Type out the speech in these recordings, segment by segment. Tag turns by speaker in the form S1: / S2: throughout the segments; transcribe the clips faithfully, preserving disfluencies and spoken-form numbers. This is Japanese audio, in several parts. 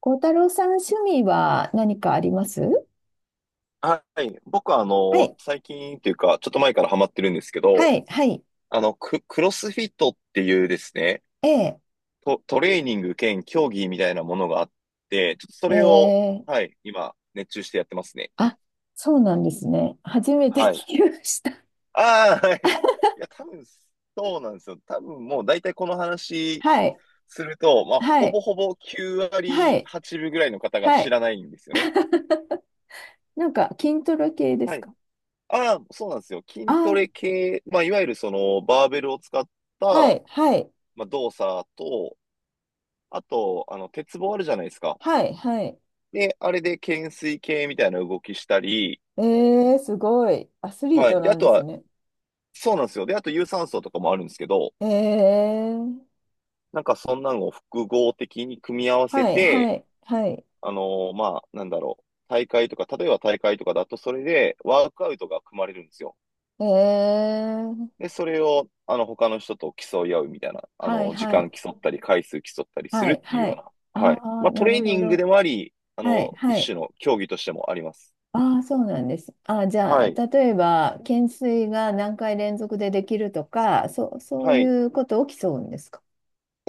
S1: 孝太郎さん、趣味は何かあります？
S2: はい。僕はあ
S1: は
S2: の、
S1: い、
S2: 最近っていうか、ちょっと前からハマってるんですけ
S1: は
S2: ど、
S1: い、はい。
S2: あの、ク、クロスフィットっていうですね、
S1: ええ。
S2: ト、トレーニング兼競技みたいなものがあって、ちょっとそ
S1: え
S2: れを、
S1: ー、
S2: はい、今、熱中してやってますね。
S1: あ、そうなんですね。初めて聞
S2: はい。
S1: きました。
S2: ああ、はい。いや、多分、そうなんですよ。多分もう大体この話
S1: はい、
S2: すると、まあ、
S1: は
S2: ほぼ
S1: い、
S2: ほぼきゅう
S1: は
S2: 割
S1: い、
S2: はちぶぐらいの方が
S1: は
S2: 知
S1: い。
S2: らないんですよね。
S1: なんか、筋トレ系で
S2: は
S1: す
S2: い。
S1: か？
S2: ああ、そうなんですよ。筋ト
S1: あ、
S2: レ系、まあ、いわゆるその、バーベルを使っ
S1: は
S2: た、
S1: い、はい、
S2: まあ、動作と、あと、あの、鉄棒あるじゃないですか。
S1: はい、はい。
S2: で、あれで懸垂系みたいな動きしたり、
S1: ええ、すごい。アスリー
S2: は
S1: ト
S2: い。で、
S1: な
S2: あ
S1: ん
S2: と
S1: です
S2: は、
S1: ね。
S2: そうなんですよ。で、あと有酸素とかもあるんですけど、
S1: ええ、
S2: なんかそんなのを複合的に組み合わせ
S1: はい、は
S2: て、
S1: い、はい。
S2: あのーまあ、なんだろう。大会とか、例えば大会とかだと、それでワークアウトが組まれるんですよ。
S1: ええ、
S2: で、それを、あの、他の人と競い合うみたいな、あ
S1: はい、
S2: の、時
S1: は
S2: 間
S1: い、
S2: 競ったり、回数競ったりす
S1: は
S2: る
S1: い、
S2: っていう
S1: は
S2: よう
S1: い。
S2: な、は
S1: あ
S2: い。ま
S1: あ、
S2: あ、ト
S1: な
S2: レ
S1: る
S2: ーニ
S1: ほ
S2: ングで
S1: ど。
S2: もあり、あ
S1: はい、
S2: の、
S1: は
S2: 一
S1: い。
S2: 種の競技としてもあります。
S1: ああ、そうなんです。あ、じゃ
S2: は
S1: あ、
S2: い。
S1: 例えば、懸垂が何回連続でできるとか、そう、そう
S2: はい。
S1: いうこと起きそうんですか？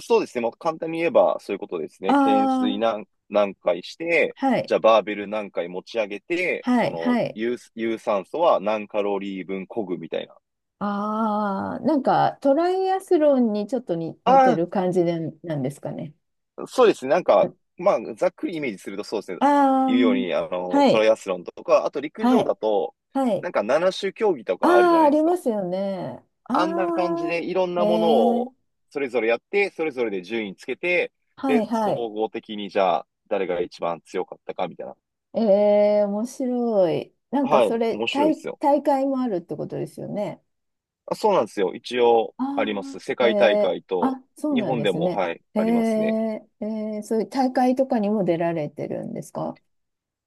S2: そうですね。もう簡単に言えばそういうことです
S1: あ
S2: ね。懸垂
S1: あ、
S2: 何、何回して、
S1: は
S2: じ
S1: い、
S2: ゃあバーベル何回持ち上げて、
S1: は
S2: そ
S1: い、
S2: の
S1: はい。
S2: 有、有酸素は何カロリー分漕ぐみたいな。
S1: ああ、なんか、トライアスロンにちょっとに似て
S2: あ
S1: る感じでなんですかね。
S2: あ、そうですね。なんか、まあ、ざっくりイメージするとそうですね。
S1: あ
S2: 言
S1: あ、
S2: うように、あの、
S1: は
S2: トラ
S1: い、
S2: イアスロンとか、あと陸
S1: は
S2: 上
S1: い、
S2: だと、
S1: はい。
S2: なんかなな種競技と
S1: あ
S2: かあるじゃ
S1: あ、
S2: な
S1: あ
S2: いで
S1: り
S2: す
S1: ま
S2: か。
S1: すよね。あ
S2: あんな感じ
S1: あ、
S2: でいろん
S1: え
S2: なもの
S1: え、
S2: をそれぞれやって、それぞれで順位つけて、
S1: はい、
S2: で、
S1: はい。
S2: 総合的にじゃあ誰が一番強かったかみたいな。
S1: ええ、面白い。なんか
S2: はい、
S1: それ、
S2: 面白いで
S1: 大、
S2: すよ。
S1: 大会もあるってことですよね。
S2: あ、そうなんですよ。一応
S1: あ
S2: あります。世
S1: あ、え
S2: 界大
S1: え、
S2: 会と、
S1: あ、そう
S2: 日
S1: なん
S2: 本
S1: で
S2: で
S1: す
S2: も、
S1: ね。
S2: はい、
S1: え
S2: ありますね。
S1: え、ええ、そういう大会とかにも出られてるんですか？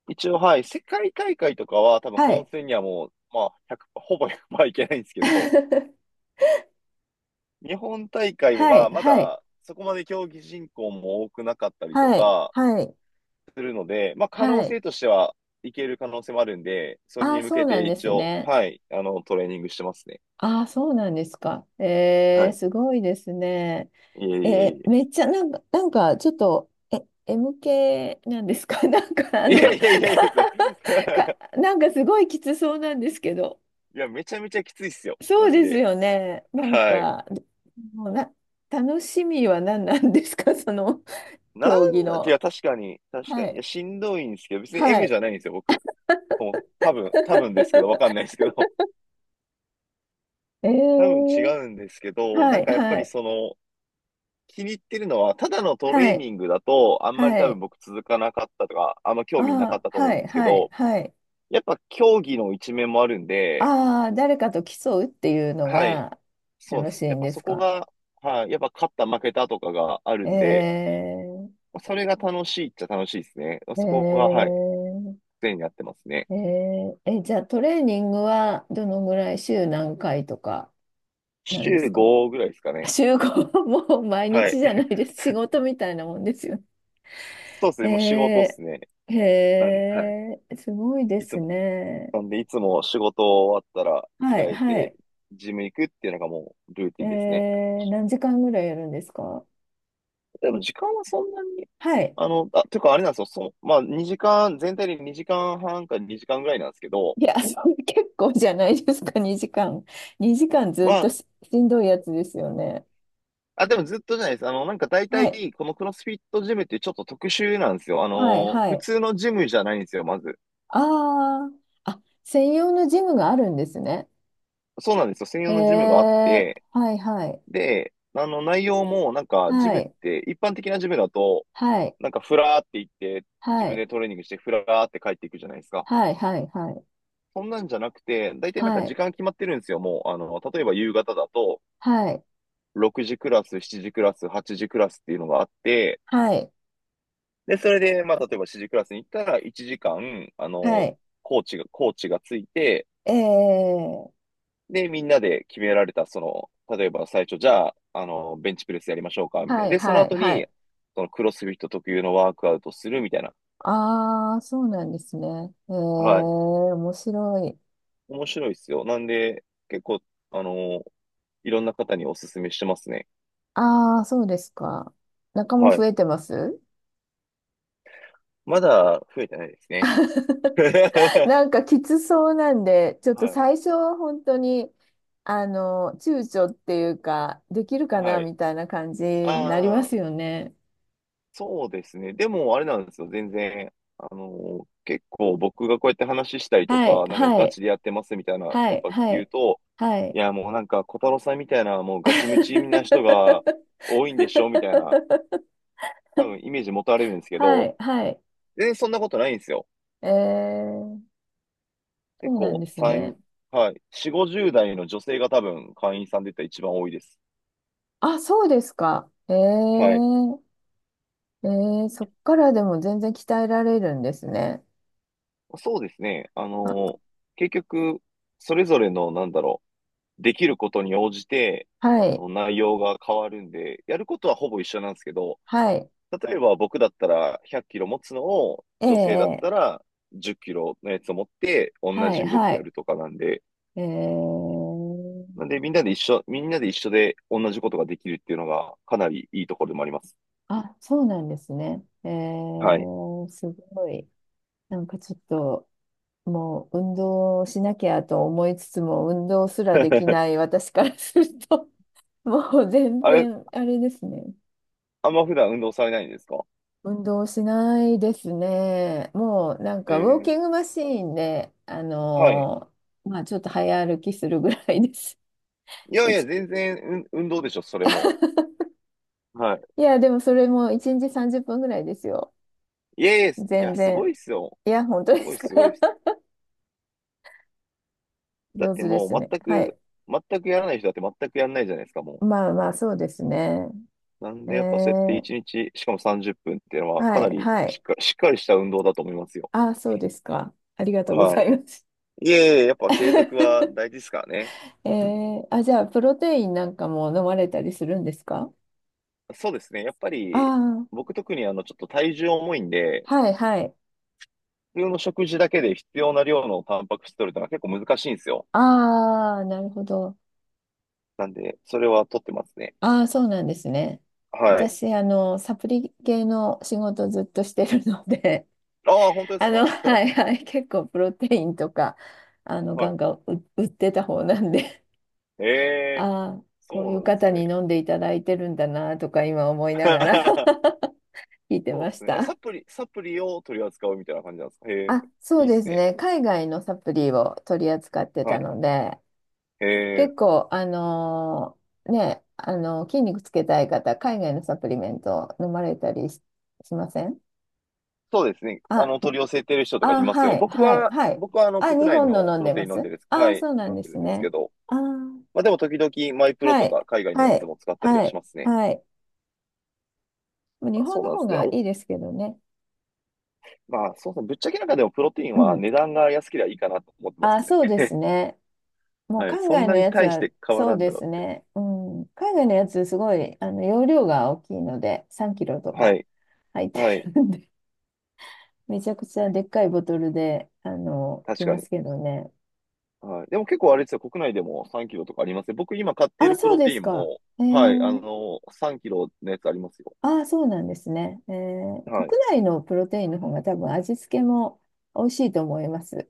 S2: 一応、はい、世界大会とかは多分
S1: は
S2: 本
S1: い。
S2: 戦にはもう、まあ、いちほぼ行いけないんですけど、日本大会
S1: は
S2: は
S1: い、
S2: ま
S1: はい、
S2: だそこまで競技人口も多くなかったりと
S1: はい、
S2: か
S1: はい、
S2: するので、まあ、可
S1: は
S2: 能
S1: い。
S2: 性としてはいける可能性もあるんで、それ
S1: あ
S2: に
S1: あ、
S2: 向
S1: そ
S2: け
S1: うな
S2: て
S1: んで
S2: 一
S1: す
S2: 応、
S1: ね。
S2: はい、あの、トレーニングしてますね。
S1: ああ、そうなんですか。え
S2: は
S1: え、
S2: い。
S1: すごいですね。
S2: いえいえ
S1: え
S2: い
S1: ーめ
S2: え。
S1: っちゃなんか、なんかちょっと、え、m 系なんですか？ なんかあ
S2: いえ
S1: の、
S2: いえいえい
S1: か、か
S2: え。
S1: なんかすごいきつそうなんですけど。
S2: いや、めちゃめちゃきついっすよ。
S1: そ
S2: マ
S1: う
S2: ジ
S1: です
S2: で。
S1: よね。なん
S2: はい。
S1: か、もうな、楽しみは何なんですか？ その、
S2: な
S1: 競技
S2: んなん、い
S1: の。
S2: や、確かに、確か
S1: は
S2: に。いや、
S1: い。
S2: しんどいんですけど、別に
S1: は
S2: M じ
S1: い。
S2: ゃないんですよ、僕。そもそも多分、多分ですけど、わかんないですけど。
S1: え
S2: 多分違
S1: ー、
S2: うんですけど、
S1: は
S2: なん
S1: い、
S2: かやっぱ
S1: は
S2: り
S1: い、
S2: その、気に入ってるのは、ただのトレ
S1: は
S2: ー
S1: い、
S2: ニングだと、あんまり
S1: は
S2: 多分
S1: い。
S2: 僕続かなかったとか、あんま
S1: あ
S2: 興味なかっ
S1: あ、
S2: たと思う
S1: は
S2: んで
S1: い、
S2: すけ
S1: はい、
S2: ど、
S1: はい。
S2: やっぱ競技の一面もあるんで、
S1: ああ、誰かと競うっていうの
S2: はい、
S1: が
S2: そうで
S1: 楽し
S2: す。
S1: い
S2: やっ
S1: ん
S2: ぱ
S1: で
S2: そ
S1: す
S2: こ
S1: か？
S2: が、はい、やっぱ勝った負けたとかがあるんで、
S1: えー、
S2: それが楽しいっちゃ楽しいですね。
S1: え
S2: そこが、はい、
S1: ー、
S2: 常にやってますね。
S1: えー、え、じゃあトレーニングはどのぐらい、週何回とかなんで
S2: 週
S1: すか？
S2: ごぐらいですか
S1: あ、
S2: ね。
S1: 週ご、もう毎
S2: は
S1: 日
S2: い。
S1: じゃな いです。仕事みたいなもんですよ
S2: そうですね。もう仕事っ
S1: ね。
S2: すね。
S1: えー、
S2: なん、はい。
S1: えー、すごいで
S2: いつ
S1: す
S2: も。
S1: ね。
S2: なんで、いつも仕事終わったら着
S1: は
S2: 替
S1: い、
S2: え
S1: は
S2: て、
S1: い。
S2: ジム行くっていうのがもうルーテ
S1: え
S2: ィンですね。
S1: ー、何時間ぐらいやるんですか？
S2: でも時間はそんなに、
S1: はい。
S2: あの、あ、ていうかあれなんですよ。そう、まあにじかん、全体でにじかんはんかにじかんぐらいなんですけど、
S1: いや、それ結構じゃないですか、にじかん。にじかんず
S2: ま
S1: っと
S2: あ、
S1: し、しんどいやつですよね。
S2: あ、でもずっとじゃないです。あの、なんか大
S1: はい、
S2: 体、このクロスフィットジムってちょっと特殊なんですよ。あ
S1: はい、
S2: の、
S1: は
S2: 普
S1: い。
S2: 通のジムじゃないんですよ、まず。
S1: ああ、あ、専用のジムがあるんですね。
S2: そうなんですよ。専
S1: へ
S2: 用のジムがあっ
S1: え、
S2: て、
S1: はいはい、
S2: で、あの内容もなんかジ
S1: は
S2: ムっ
S1: い、
S2: て一般的なジムだと
S1: はい、
S2: なんかフラーって行って自
S1: は
S2: 分
S1: い、
S2: でトレーニングしてフラーって帰っていくじゃないですか。
S1: はい、はい、
S2: そんなんじゃなくて、大体なんか
S1: は
S2: 時
S1: い、
S2: 間決まってるんですよ。もう、あの、例えば夕方だと
S1: はい、はい、
S2: ろくじクラス、しちじクラス、はちじクラスっていうのがあって、
S1: はい、
S2: で、それで、まあ、例えばしちじクラスに行ったらいちじかん、あ
S1: は
S2: の、
S1: い、
S2: コーチが、コーチがついて、
S1: ええ、
S2: で、みんなで決められた、その、例えば最初、じゃあ、あの、ベンチプレスやりましょうか、みたい
S1: は
S2: な。
S1: い、
S2: で、その
S1: はい、
S2: 後
S1: は
S2: に、
S1: い。
S2: そのクロスフィット特有のワークアウトするみたいな。
S1: ああ、そうなんですね。ええ、
S2: はい。
S1: 面白い。
S2: 面白いですよ。なんで、結構、あの、いろんな方にお勧めしてますね。
S1: ああ、そうですか。仲間
S2: は
S1: 増
S2: い。
S1: えてます？
S2: まだ増えてないですね。
S1: なんかきつそうなんで、ちょっと
S2: はい。
S1: 最初は本当に、あの、躊躇っていうか、できるか
S2: は
S1: な
S2: い。
S1: みたいな感じになりま
S2: ああ、
S1: すよね。
S2: そうですね。でも、あれなんですよ。全然、あの、結構僕がこうやって話したりと
S1: はい、
S2: か、なんか
S1: は
S2: ガ
S1: い、
S2: チでやってますみたいな、
S1: は
S2: やっ
S1: い、
S2: ぱ
S1: は
S2: 言う
S1: い、
S2: と、
S1: は
S2: い
S1: い。
S2: や、もうなんか、小太郎さんみたいな、もうガチムチな人が 多いんでしょみたいな、多分イメージ持たれるんですけ
S1: は
S2: ど、
S1: い、はい。
S2: 全然そんなことないんですよ。
S1: えー、そ
S2: 結
S1: うなん
S2: 構、
S1: です
S2: 三
S1: ね。
S2: はい、よんじゅう、ごじゅう代の女性が多分会員さんで言ったら一番多いです。
S1: あ、そうですか。え
S2: はい。
S1: ー、えー、そっからでも全然鍛えられるんですね。
S2: そうですね。あ
S1: あ、
S2: の、結局、それぞれの、なんだろう、できることに応じて、
S1: は
S2: あ
S1: い、
S2: の、内容が変わるんで、やることはほぼ一緒なんですけど、
S1: はい、
S2: 例えば僕だったらひゃっキロ持つのを、女性だっ
S1: ええ、
S2: たらじゅっキロのやつを持って同
S1: は
S2: じ
S1: い、
S2: 動
S1: は
S2: きや
S1: い。
S2: るとかなんで、
S1: えー、
S2: なんでみんなで一緒、みんなで一緒で同じことができるっていうのがかなりいいところでもあります。
S1: あ、そうなんですね。え
S2: はい。
S1: ー、すごい。なんかちょっと、もう運動しなきゃと思いつつも、運動すらできな い私からすると、もう全
S2: あれ、
S1: 然、あれですね。
S2: あんま普段運動されないんですか？
S1: 運動しないですね。もうなんかウォー
S2: え
S1: キングマシーンで、あ
S2: ー、はい。
S1: のーまあちょっと早歩きするぐらいです。
S2: いやい
S1: い
S2: や、
S1: ち
S2: 全然運運動でしょ、それも。はい。
S1: いや、でもそれもいちにちさんじゅっぷんぐらいですよ。
S2: いやいや、いや、
S1: 全
S2: すご
S1: 然。
S2: いっすよ。
S1: いや、本当
S2: す
S1: で
S2: ご
S1: す
S2: い
S1: か。
S2: すごいっす。だっ
S1: 上
S2: て
S1: 手で
S2: も
S1: す
S2: う
S1: ね。
S2: 全
S1: は
S2: く、
S1: い。
S2: 全くやらない人だって全くやらないじゃないですか、もう。
S1: まあまあ、そうですね。
S2: なん
S1: え
S2: でやっぱそうやって
S1: ー、
S2: 一日、しかもさんじゅっぷんっぷんっていうのはか
S1: は
S2: な
S1: い、
S2: り
S1: は
S2: しっ
S1: い。
S2: か、しっかりした運動だと思いますよ。
S1: あ、そうですか。ありがとうご
S2: は
S1: ざ
S2: い。
S1: います。
S2: いえいえ、やっぱ継続は 大事ですからね。
S1: えー、あ、じゃあ、プロテインなんかも飲まれたりするんですか？
S2: そうですね。やっぱ
S1: あ
S2: り
S1: あ、ー、
S2: 僕特にあのちょっと体重重いんで、
S1: はい、はい。
S2: 普通の食事だけで必要な量のタンパク質取るのが結構難しいんですよ。
S1: ああ、なるほど。
S2: なんで、それは取ってますね。
S1: ああ、そうなんですね。
S2: はい。
S1: 私、あの、サプリ系の仕事ずっとしてるので、
S2: ああ、本当 です
S1: あの、
S2: か？
S1: は い、はい。結構、プロテインとか、あの、ガ
S2: は
S1: ン
S2: い。
S1: ガン売売ってた方なんで。
S2: ええ、
S1: ああ、こ
S2: そ
S1: う
S2: う
S1: い
S2: な
S1: う
S2: んです
S1: 方に
S2: ね。
S1: 飲んでいただいてるんだなとか今思いながら 聞いて
S2: そう
S1: ま
S2: で
S1: し
S2: すね。えサ
S1: た。
S2: プリ、サプリを取り扱うみたいな感じなんですか？へ
S1: あ、
S2: え、
S1: そ
S2: い
S1: う
S2: いっ
S1: で
S2: す
S1: す
S2: ね。
S1: ね。海外のサプリを取り扱って
S2: は
S1: た
S2: い。
S1: ので、
S2: へえ。
S1: 結構、あのーね、あの筋肉つけたい方、海外のサプリメント飲まれたりし、しません？
S2: そうですね。あ
S1: あ、
S2: の、取り寄せてる人とかい
S1: あ、
S2: ますよね。
S1: はい、
S2: 僕
S1: はい、
S2: は、
S1: はい。
S2: 僕はあの、
S1: あ、
S2: 国
S1: 日
S2: 内
S1: 本
S2: の
S1: の飲
S2: プ
S1: ん
S2: ロ
S1: で
S2: テイ
S1: ま
S2: ン飲んで
S1: す。
S2: るんです。は
S1: あ、
S2: い、
S1: そうな
S2: 飲
S1: ん
S2: ん
S1: で
S2: でる
S1: す
S2: んですけ
S1: ね。
S2: ど。
S1: あー、
S2: まあでも時々マイプロ
S1: は
S2: と
S1: い、
S2: か海外のや
S1: は
S2: つ
S1: い、
S2: も使ったりは
S1: は
S2: し
S1: い、
S2: ますね。
S1: はい。もう日
S2: あ、そ
S1: 本
S2: う
S1: の
S2: なんで
S1: 方
S2: すね。
S1: が
S2: お、
S1: いいですけどね。
S2: まあそうですね。ぶっちゃけなんかでもプロテイン
S1: う
S2: は
S1: ん、
S2: 値段が安ければいいかなと思ってま
S1: あ、
S2: すね。
S1: そうですね。もう
S2: はい。
S1: 海
S2: そん
S1: 外
S2: な
S1: の
S2: に
S1: やつ
S2: 大し
S1: は、
S2: て変わ
S1: そう
S2: らん
S1: で
S2: だろ
S1: すね。うん。海外のやつ、すごい、あの、容量が大きいので、さんキロと
S2: う。は
S1: か
S2: い。
S1: 入って
S2: はい。
S1: るんで、めちゃくちゃでっかいボトルで、あの、
S2: 確
S1: 来
S2: か
S1: ま
S2: に。
S1: すけどね。
S2: はい。でも結構あれですよ。国内でもさんキロとかありますね。僕今買ってい
S1: あ、
S2: るプ
S1: そう
S2: ロ
S1: で
S2: テイ
S1: す
S2: ン
S1: か。
S2: も、
S1: え
S2: はい。あ
S1: ー、
S2: の、さんキロのやつありますよ。
S1: あ、そうなんですね。えー、
S2: は
S1: 国
S2: い。
S1: 内のプロテインの方が多分味付けも美味しいと思います。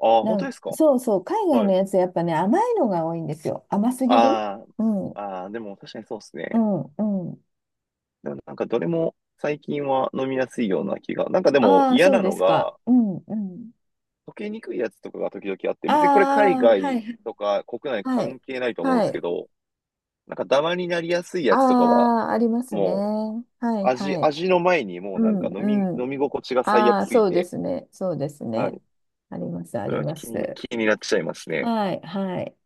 S2: ああ、本
S1: な
S2: 当で
S1: ん、
S2: すか？
S1: そうそう、海外
S2: は
S1: の
S2: い。
S1: やつ、やっぱね、甘いのが多いんですよ。甘すぎる。
S2: あ
S1: う
S2: あ、
S1: ん
S2: ああ、でも確かにそうです
S1: う
S2: ね。
S1: ん。うん、
S2: でもなんかどれも最近は飲みやすいような気が。なんかでも
S1: ああ、
S2: 嫌
S1: そう
S2: な
S1: で
S2: の
S1: すか。
S2: が、
S1: うんうん。
S2: 溶けにくいやつとかが時々あって、別にこれ海
S1: ああ、は
S2: 外
S1: い、
S2: とか国内
S1: はい、
S2: 関係ないと思うんで
S1: は
S2: すけ
S1: い。
S2: ど、なんかダマになりやすいやつとかは、
S1: ああ、ありますね。
S2: もう
S1: はい、
S2: 味、
S1: はい。
S2: 味の前にもう
S1: う
S2: なん
S1: ん
S2: か飲み、
S1: う
S2: 飲
S1: ん。
S2: み心地が最
S1: あ
S2: 悪
S1: あ、
S2: すぎ
S1: そうで
S2: て、
S1: すね。そうです
S2: は
S1: ね。
S2: い。
S1: あります、あ
S2: それ
S1: り
S2: は
S1: ま
S2: 気に、
S1: す。
S2: 気になっちゃいますね。
S1: はい、はい。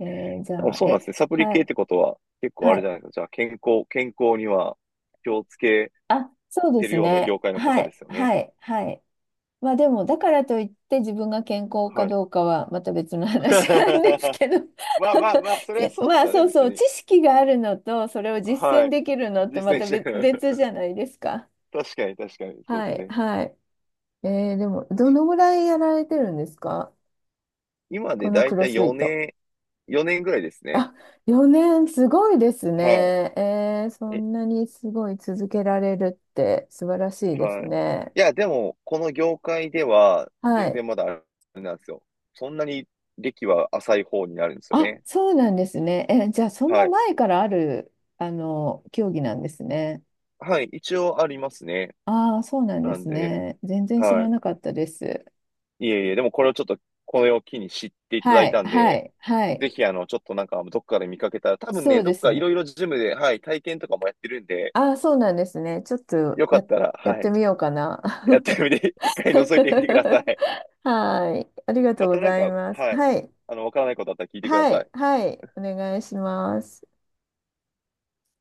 S1: えーじ
S2: あ、
S1: ゃあ、
S2: そうなんで
S1: え、
S2: すね。サプリ
S1: は
S2: 系って
S1: い、
S2: ことは結構あ
S1: は
S2: れじ
S1: い。
S2: ゃないですか。じゃあ健康、健康には気をつけ
S1: あ、そうで
S2: てる
S1: す
S2: ような
S1: ね。
S2: 業界の
S1: は
S2: 方で
S1: い、
S2: すよね。
S1: はい、はい。まあでも、だからといって自分が健康か
S2: はい。
S1: どうかはまた別の 話なんで
S2: ま
S1: すけど。
S2: あまあまあ、それは
S1: じ
S2: そうっ
S1: ま
S2: す
S1: あ
S2: よね、
S1: そうそ
S2: 別
S1: う、知
S2: に。
S1: 識があるのと、それを実
S2: は
S1: 践
S2: い。
S1: できるのってま
S2: 実践
S1: た
S2: し
S1: 別、
S2: てる。
S1: 別じゃないですか。
S2: 確かに確かに、そうで
S1: は
S2: す
S1: い、
S2: ね。
S1: はい。えーでも、
S2: 確
S1: ど
S2: か
S1: のぐらいやられてるんですか？
S2: に今で
S1: この
S2: だ
S1: ク
S2: いた
S1: ロ
S2: い
S1: スフィット。
S2: よねん、よねんぐらいですね。
S1: あ、よねん、すごいです
S2: は
S1: ね。えーそ
S2: い。え、
S1: んなにすごい続けられるって素晴らしいです
S2: はい。
S1: ね。
S2: いや、でも、この業界では、
S1: は
S2: 全
S1: い。
S2: 然まだあれなんですよ。そんなに歴は浅い方になるんですよ
S1: あ、
S2: ね。
S1: そうなんですね。え、じゃあ、そん
S2: は
S1: な
S2: い。
S1: 前からある、あの、競技なんですね。
S2: はい、一応ありますね。
S1: ああ、そうなんで
S2: なん
S1: す
S2: で、
S1: ね。全然知ら
S2: は
S1: なかったです。
S2: い。いえいえ、でもこれをちょっと、これを機に知っていただ
S1: は
S2: い
S1: い、
S2: たん
S1: は
S2: で、
S1: い、はい。
S2: ぜひ、あの、ちょっとなんか、どっかで見かけたら、多分
S1: そ
S2: ね、
S1: う
S2: ど
S1: で
S2: っ
S1: す
S2: かい
S1: ね。
S2: ろいろジムで、はい、体験とかもやってるんで、
S1: ああ、そうなんですね。ちょっと
S2: よか
S1: や、
S2: ったら、
S1: やっ
S2: は
S1: て
S2: い、
S1: みようかな。
S2: やってみて、一回覗いてみてください。
S1: はい。ありがとう
S2: ま
S1: ご
S2: たなん
S1: ざい
S2: か、
S1: ます。
S2: はい、
S1: はい、
S2: あの、わからないことあったら聞いてくだ
S1: は
S2: さ
S1: い、
S2: い。
S1: はい。お願いします。